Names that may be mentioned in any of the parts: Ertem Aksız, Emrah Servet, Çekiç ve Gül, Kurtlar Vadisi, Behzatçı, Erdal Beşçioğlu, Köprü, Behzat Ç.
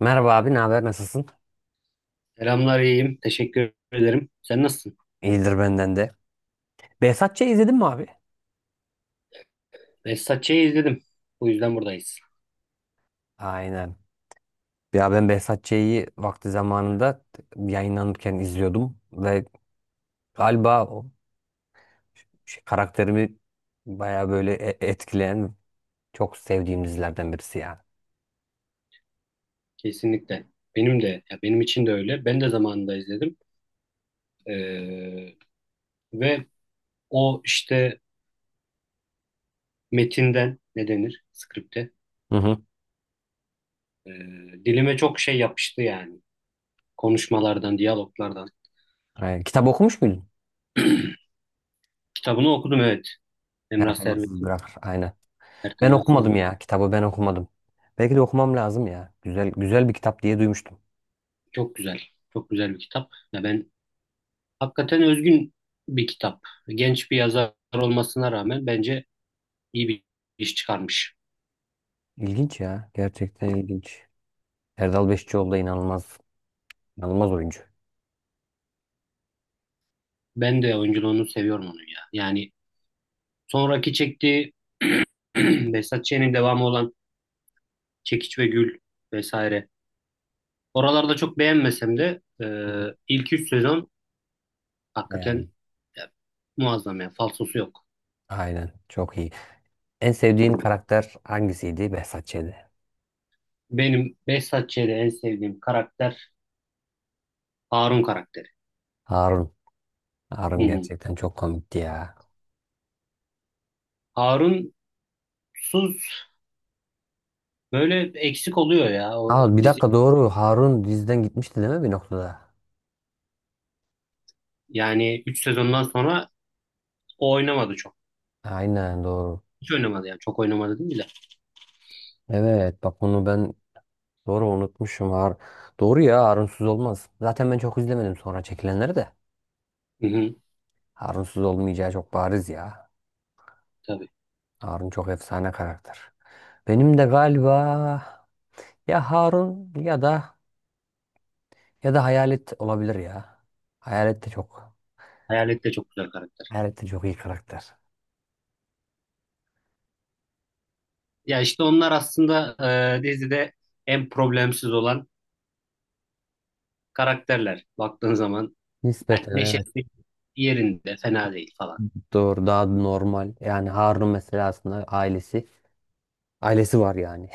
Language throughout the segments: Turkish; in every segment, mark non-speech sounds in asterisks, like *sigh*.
Merhaba abi, ne haber? Nasılsın? Selamlar, iyiyim. Teşekkür ederim. Sen nasılsın? İyidir benden de. Behzat Ç'yi izledin mi abi? Behzatçı'yı izledim. Bu yüzden buradayız. Aynen. Ya ben Behzat vakti zamanında yayınlanırken izliyordum ve galiba o şey, karakterimi baya böyle etkileyen çok sevdiğim dizilerden birisi ya. Kesinlikle. Benim de, ya benim için de öyle. Ben de zamanında izledim. Ee, ve o işte metinden ne denir? Skripte. Hı hı. Ee, dilime çok şey yapıştı yani. Konuşmalardan, diyaloglardan. Aynen. Kitap okumuş muydun? Kitabını okudum, evet. Her Emrah temassız Servet'in, bırakır. Aynen. Ben Ertem Aksız'ın. okumadım ya. Kitabı ben okumadım. Belki de okumam lazım ya. Güzel güzel bir kitap diye duymuştum. Çok güzel. Çok güzel bir kitap. Ya ben hakikaten özgün bir kitap. Genç bir yazar olmasına rağmen bence iyi bir iş çıkarmış. İlginç ya. Gerçekten ilginç. Erdal Beşçioğlu da inanılmaz oyuncu. Ben de oyunculuğunu seviyorum onun ya. Yani sonraki çektiği *clears throat* Behzat Ç'nin devamı olan Çekiç ve Gül vesaire. Oralarda çok beğenmesem de Hı hı. ilk 3 sezon Bayağı iyi. hakikaten ya, muazzam ya. Falsosu yok. Aynen. Çok iyi. En sevdiğin karakter hangisiydi? Behzat Ç'de. Benim Behzat Ç'de en sevdiğim karakter Harun karakteri. Harun. Hı Harun hı. gerçekten çok komikti ya. Harunsuz böyle eksik oluyor ya o Aa, bir dizi. dakika doğru. Harun diziden gitmişti değil mi bir noktada? Yani 3 sezondan sonra o oynamadı çok. Aynen doğru. Hiç oynamadı yani. Çok oynamadı değil mi de. Evet bak bunu ben doğru unutmuşum. Doğru ya, Harunsuz olmaz. Zaten ben çok izlemedim sonra çekilenleri de. Hı hı. Harunsuz olmayacağı çok bariz ya. Tabii. Harun çok efsane karakter. Benim de galiba ya Harun ya da Hayalet olabilir ya. Hayalet de çok Hayalet de çok güzel karakter. Hayalettin çok iyi karakter. Ya işte onlar aslında dizide en problemsiz olan karakterler. Baktığın zaman hani Nispeten evet. neşesi yerinde, fena değil falan. Doğru daha normal. Yani Harun mesela aslında ailesi var yani.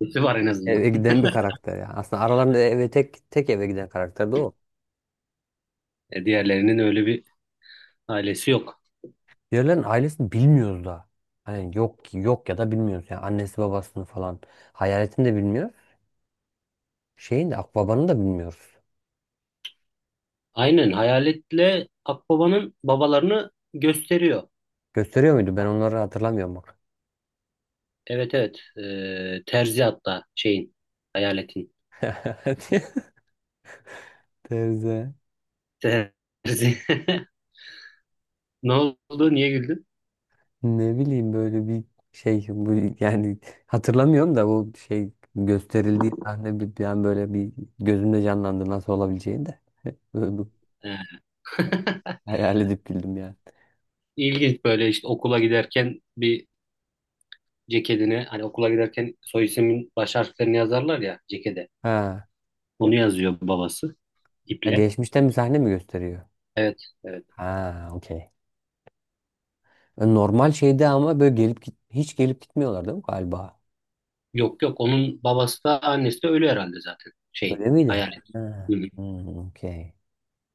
Nesi var en *laughs* azından. Eve giden bir karakter yani. Aslında aralarında eve tek tek eve giden karakter de o. Diğerlerinin öyle bir ailesi yok. Diğerlerin ailesini bilmiyoruz da. Hani yok yok ya da bilmiyoruz. Yani annesi babasını falan. Hayaletini de bilmiyoruz. Şeyin de Akbaba'nı da bilmiyoruz. Aynen, Hayalet'le Akbaba'nın babalarını gösteriyor. Gösteriyor muydu? Ben onları hatırlamıyorum bak. Evet, evet. Terzi hatta şeyin, Hayalet'in. *laughs* Teyze. Terzi. *laughs* Ne oldu? Niye güldün? Ne bileyim böyle bir şey bu yani hatırlamıyorum da bu şey gösterildiği sahne bir an böyle bir gözümde canlandı nasıl olabileceğini de. *laughs* Böyle bir E. *laughs* hayal edip güldüm yani. İlginç, böyle işte okula giderken bir ceketine, hani okula giderken soy ismin baş harflerini yazarlar ya cekete. Ha, Onu yazıyor babası ya iple. geçmişten bir sahne mi gösteriyor? Evet, evet. Ha, okey. Normal şeyde ama böyle gelip git hiç gelip gitmiyorlar değil mi galiba? Yok, yok, onun babası da annesi de ölü herhalde zaten şeyin Öyle miydi? hayal. Ha. Hı hı. Hmm, okey.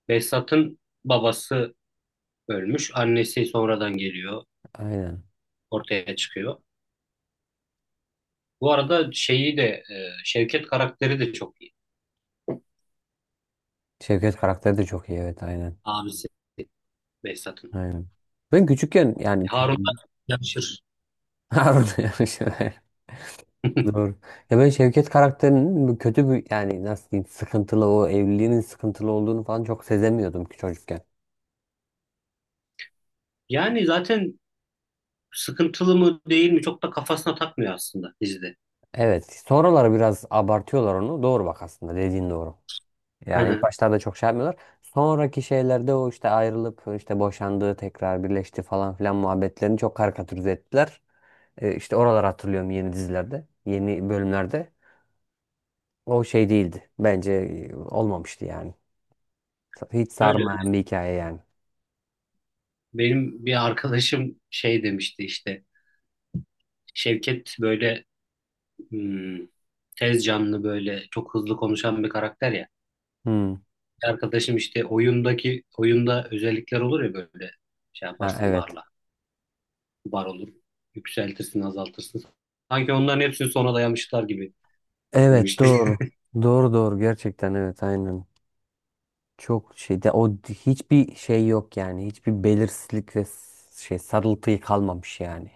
Behzat'ın babası ölmüş. Annesi sonradan geliyor. Aynen. Ortaya çıkıyor. Bu arada şeyi de, Şevket karakteri de çok iyi. Şevket karakteri de çok iyi, evet aynen. Abisi Behzat'ın. Aynen. Ben küçükken yani Harun'la yarışır. *laughs* Harun yarışı. *laughs* *laughs* Doğru. Ya ben Şevket karakterinin bu kötü bir yani nasıl diyeyim sıkıntılı o evliliğinin sıkıntılı olduğunu falan çok sezemiyordum ki çocukken. Yani zaten sıkıntılı mı değil mi çok da kafasına takmıyor aslında dizide. Evet. Sonraları biraz abartıyorlar onu. Doğru bak, aslında dediğin doğru. Yani ilk *laughs* başlarda çok şey yapmıyorlar. Sonraki şeylerde o işte ayrılıp işte boşandığı tekrar birleşti falan filan muhabbetlerini çok karikatürize ettiler. İşte oraları hatırlıyorum yeni dizilerde, yeni bölümlerde. O şey değildi. Bence olmamıştı yani. Hiç Öyle. sarmayan bir hikaye yani. Benim bir arkadaşım şey demişti işte. Şevket böyle hmm, tez canlı, böyle çok hızlı konuşan bir karakter ya. Hmm. Bir arkadaşım işte oyundaki, oyunda özellikler olur ya böyle, şey Ha, yaparsın evet. barla. Bar olur. Yükseltirsin, azaltırsın. Sanki onların hepsini sona dayamışlar gibi Evet demişti. doğru. Doğru gerçekten, evet aynen. Çok şeyde o hiçbir şey yok yani. Hiçbir belirsizlik ve şey sarıltıyı kalmamış yani.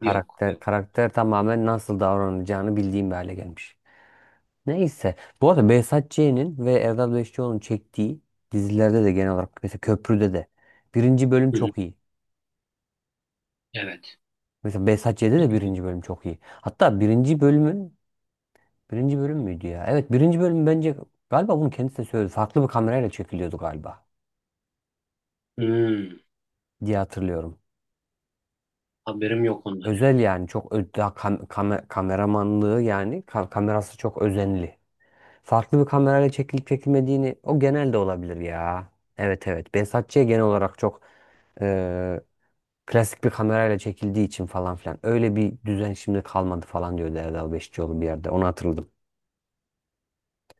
*laughs* Yok, Karakter yok. karakter tamamen nasıl davranacağını bildiğim bir hale gelmiş. Neyse. Bu arada Behzat Ç'nin ve Erdal Beşikçioğlu'nun çektiği dizilerde de genel olarak mesela Köprü'de de birinci bölüm Hı hı, çok iyi. evet. Mesela Behzat Ç'de de birinci bölüm çok iyi. Hatta birinci bölümün birinci bölüm müydü ya? Evet, birinci bölüm bence galiba bunu kendisi de söyledi. Farklı bir kamerayla çekiliyordu galiba Hmm, diye hatırlıyorum. haberim yok ondan. Özel yani çok kameramanlığı yani kamerası çok özenli. Farklı bir kamerayla çekilip çekilmediğini o genelde olabilir ya. Evet evet. Behzatçı'ya genel olarak çok eee, klasik bir kamerayla çekildiği için falan filan. Öyle bir düzen şimdi kalmadı falan diyordu Erdal Beşikçioğlu bir yerde. Onu hatırladım.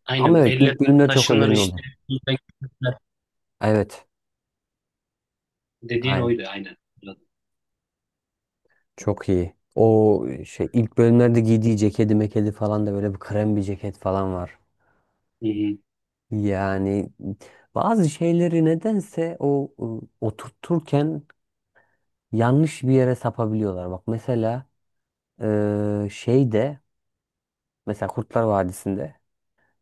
Aynen, Ama bu evet, elle ilk bölümler çok taşınır özenli oldu. işte. Evet. Dediğin oydu, aynen. Hı Çok iyi. O şey ilk bölümlerde giydiği ceketi mekedi falan da böyle bir krem bir ceket falan var. hı, Yani bazı şeyleri nedense o oturturken yanlış bir yere sapabiliyorlar. Bak mesela şeyde mesela Kurtlar Vadisi'nde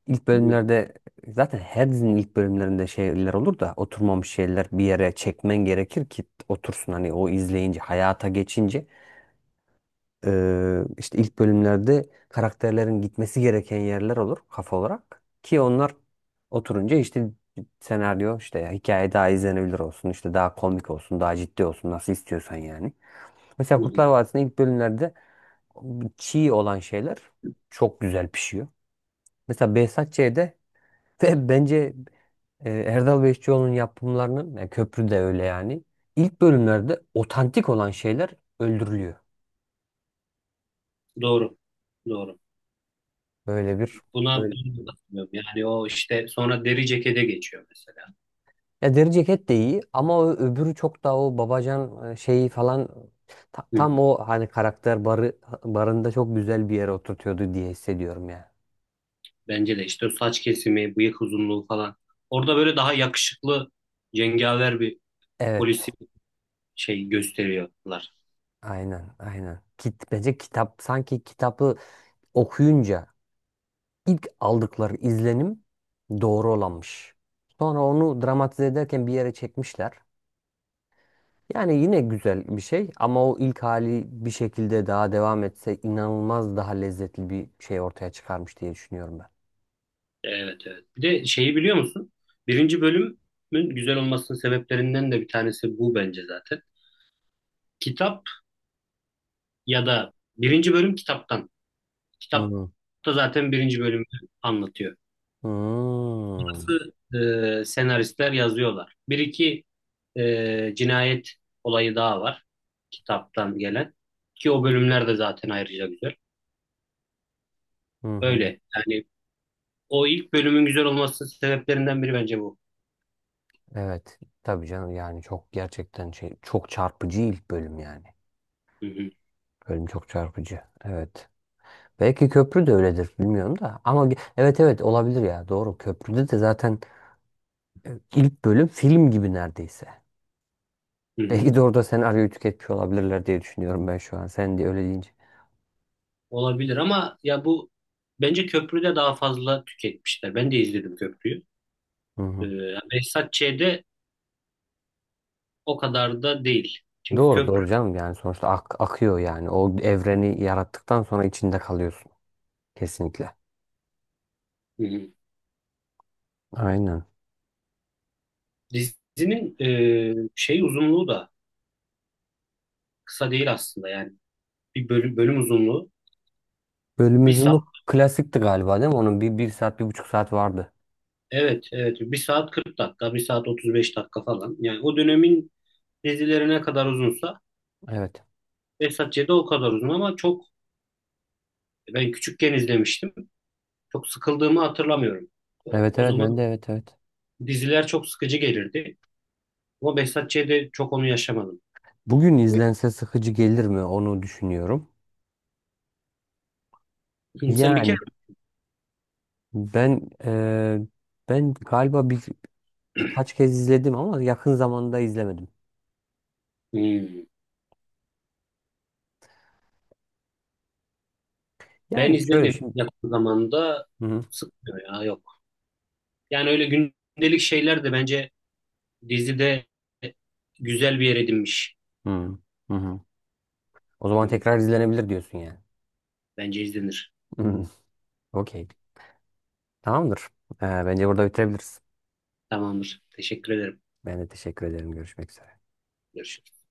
ilk hı hı. bölümlerde zaten her dizinin ilk bölümlerinde şeyler olur da oturmamış şeyler bir yere çekmen gerekir ki otursun hani o izleyince hayata geçince. İşte ilk bölümlerde karakterlerin gitmesi gereken yerler olur kafa olarak. Ki onlar oturunca işte senaryo işte hikaye daha izlenebilir olsun işte daha komik olsun daha ciddi olsun nasıl istiyorsan yani. Mesela Kurtlar Vadisi'nin ilk bölümlerde çiğ olan şeyler çok güzel pişiyor. Mesela Behzat Ç'de ve *laughs* bence Erdal Beşçioğlu'nun yapımlarının yani köprü de öyle yani. İlk bölümlerde otantik olan şeyler öldürülüyor. Doğru. Doğru. Böyle bir Buna ben de katılıyorum. Yani o işte sonra deri cekete geçiyor mesela. ya deri ceket de iyi ama o öbürü çok daha o babacan şeyi falan Hı hı. tam o hani karakter barında çok güzel bir yere oturtuyordu diye hissediyorum ya. Bence de işte o saç kesimi, bıyık uzunluğu falan. Orada böyle daha yakışıklı, cengaver bir polisi Evet. şey gösteriyorlar. Aynen, aynen. Bence kitap sanki kitabı okuyunca ilk aldıkları izlenim doğru olanmış. Sonra onu dramatize ederken bir yere çekmişler. Yani yine güzel bir şey ama o ilk hali bir şekilde daha devam etse inanılmaz daha lezzetli bir şey ortaya çıkarmış diye düşünüyorum Evet, evet. Bir de şeyi biliyor musun? Birinci bölümün güzel olmasının sebeplerinden de bir tanesi bu bence, zaten. Kitap ya da birinci bölüm kitaptan. Kitap ben. da zaten birinci bölümü anlatıyor. Hmm. Nasıl senaristler yazıyorlar. Bir iki cinayet olayı daha var, kitaptan gelen. Ki o bölümler de zaten ayrıca güzel. Hı hı. Öyle. Yani o ilk bölümün güzel olmasının sebeplerinden biri bence bu. Evet. Tabii canım yani çok gerçekten şey çok çarpıcı ilk bölüm yani. Hı hı, Bölüm çok çarpıcı. Evet. Belki köprü de öyledir bilmiyorum da. Ama evet evet olabilir ya. Doğru. Köprüde de zaten ilk bölüm film gibi neredeyse. hı *laughs* Belki hı. de orada senaryoyu tüketmiş olabilirler diye düşünüyorum ben şu an. Sen de öyle deyince. Olabilir ama ya bu, bence köprüde daha fazla tüketmişler. Ben de izledim köprüyü. Hı Ee, hı. Behzat Ç'de o kadar da değil. Çünkü Doğru köprü... doğru canım yani sonuçta akıyor yani. O evreni yarattıktan sonra içinde kalıyorsun. Kesinlikle. Hı hı. Aynen. Dizinin şey uzunluğu da kısa değil aslında yani. Bölüm uzunluğu Bölüm bir... uzunluk klasikti galiba değil mi? Onun bir saat, bir buçuk saat vardı. Evet, evet. 1 saat 40 dakika, 1 saat 35 dakika falan. Yani o dönemin dizileri ne kadar uzunsa Evet. Behzat Ç'de o kadar uzun ama çok, ben küçükken izlemiştim. Çok sıkıldığımı hatırlamıyorum. O, Evet o evet zaman ben de, evet. diziler çok sıkıcı gelirdi. Ama Behzat Ç'de çok onu yaşamadım. Bugün Ve- izlense sıkıcı gelir mi onu düşünüyorum. Sen bir kere... Yani ben ben galiba birkaç kez izledim ama yakın zamanda izlemedim. Hmm, ben Yani şöyle izledim şimdi. yakın zamanda, Hı hı. sıkmıyor ya, yok. Yani öyle gündelik şeyler de bence dizide güzel bir yer edinmiş. Hı hı. Hı. O Hı zaman hı. tekrar izlenebilir diyorsun yani. Bence izlenir. Hı. Okey. Tamamdır. Bence burada bitirebiliriz. Tamamdır. Teşekkür ederim. Ben de teşekkür ederim. Görüşmek üzere. Görüşürüz.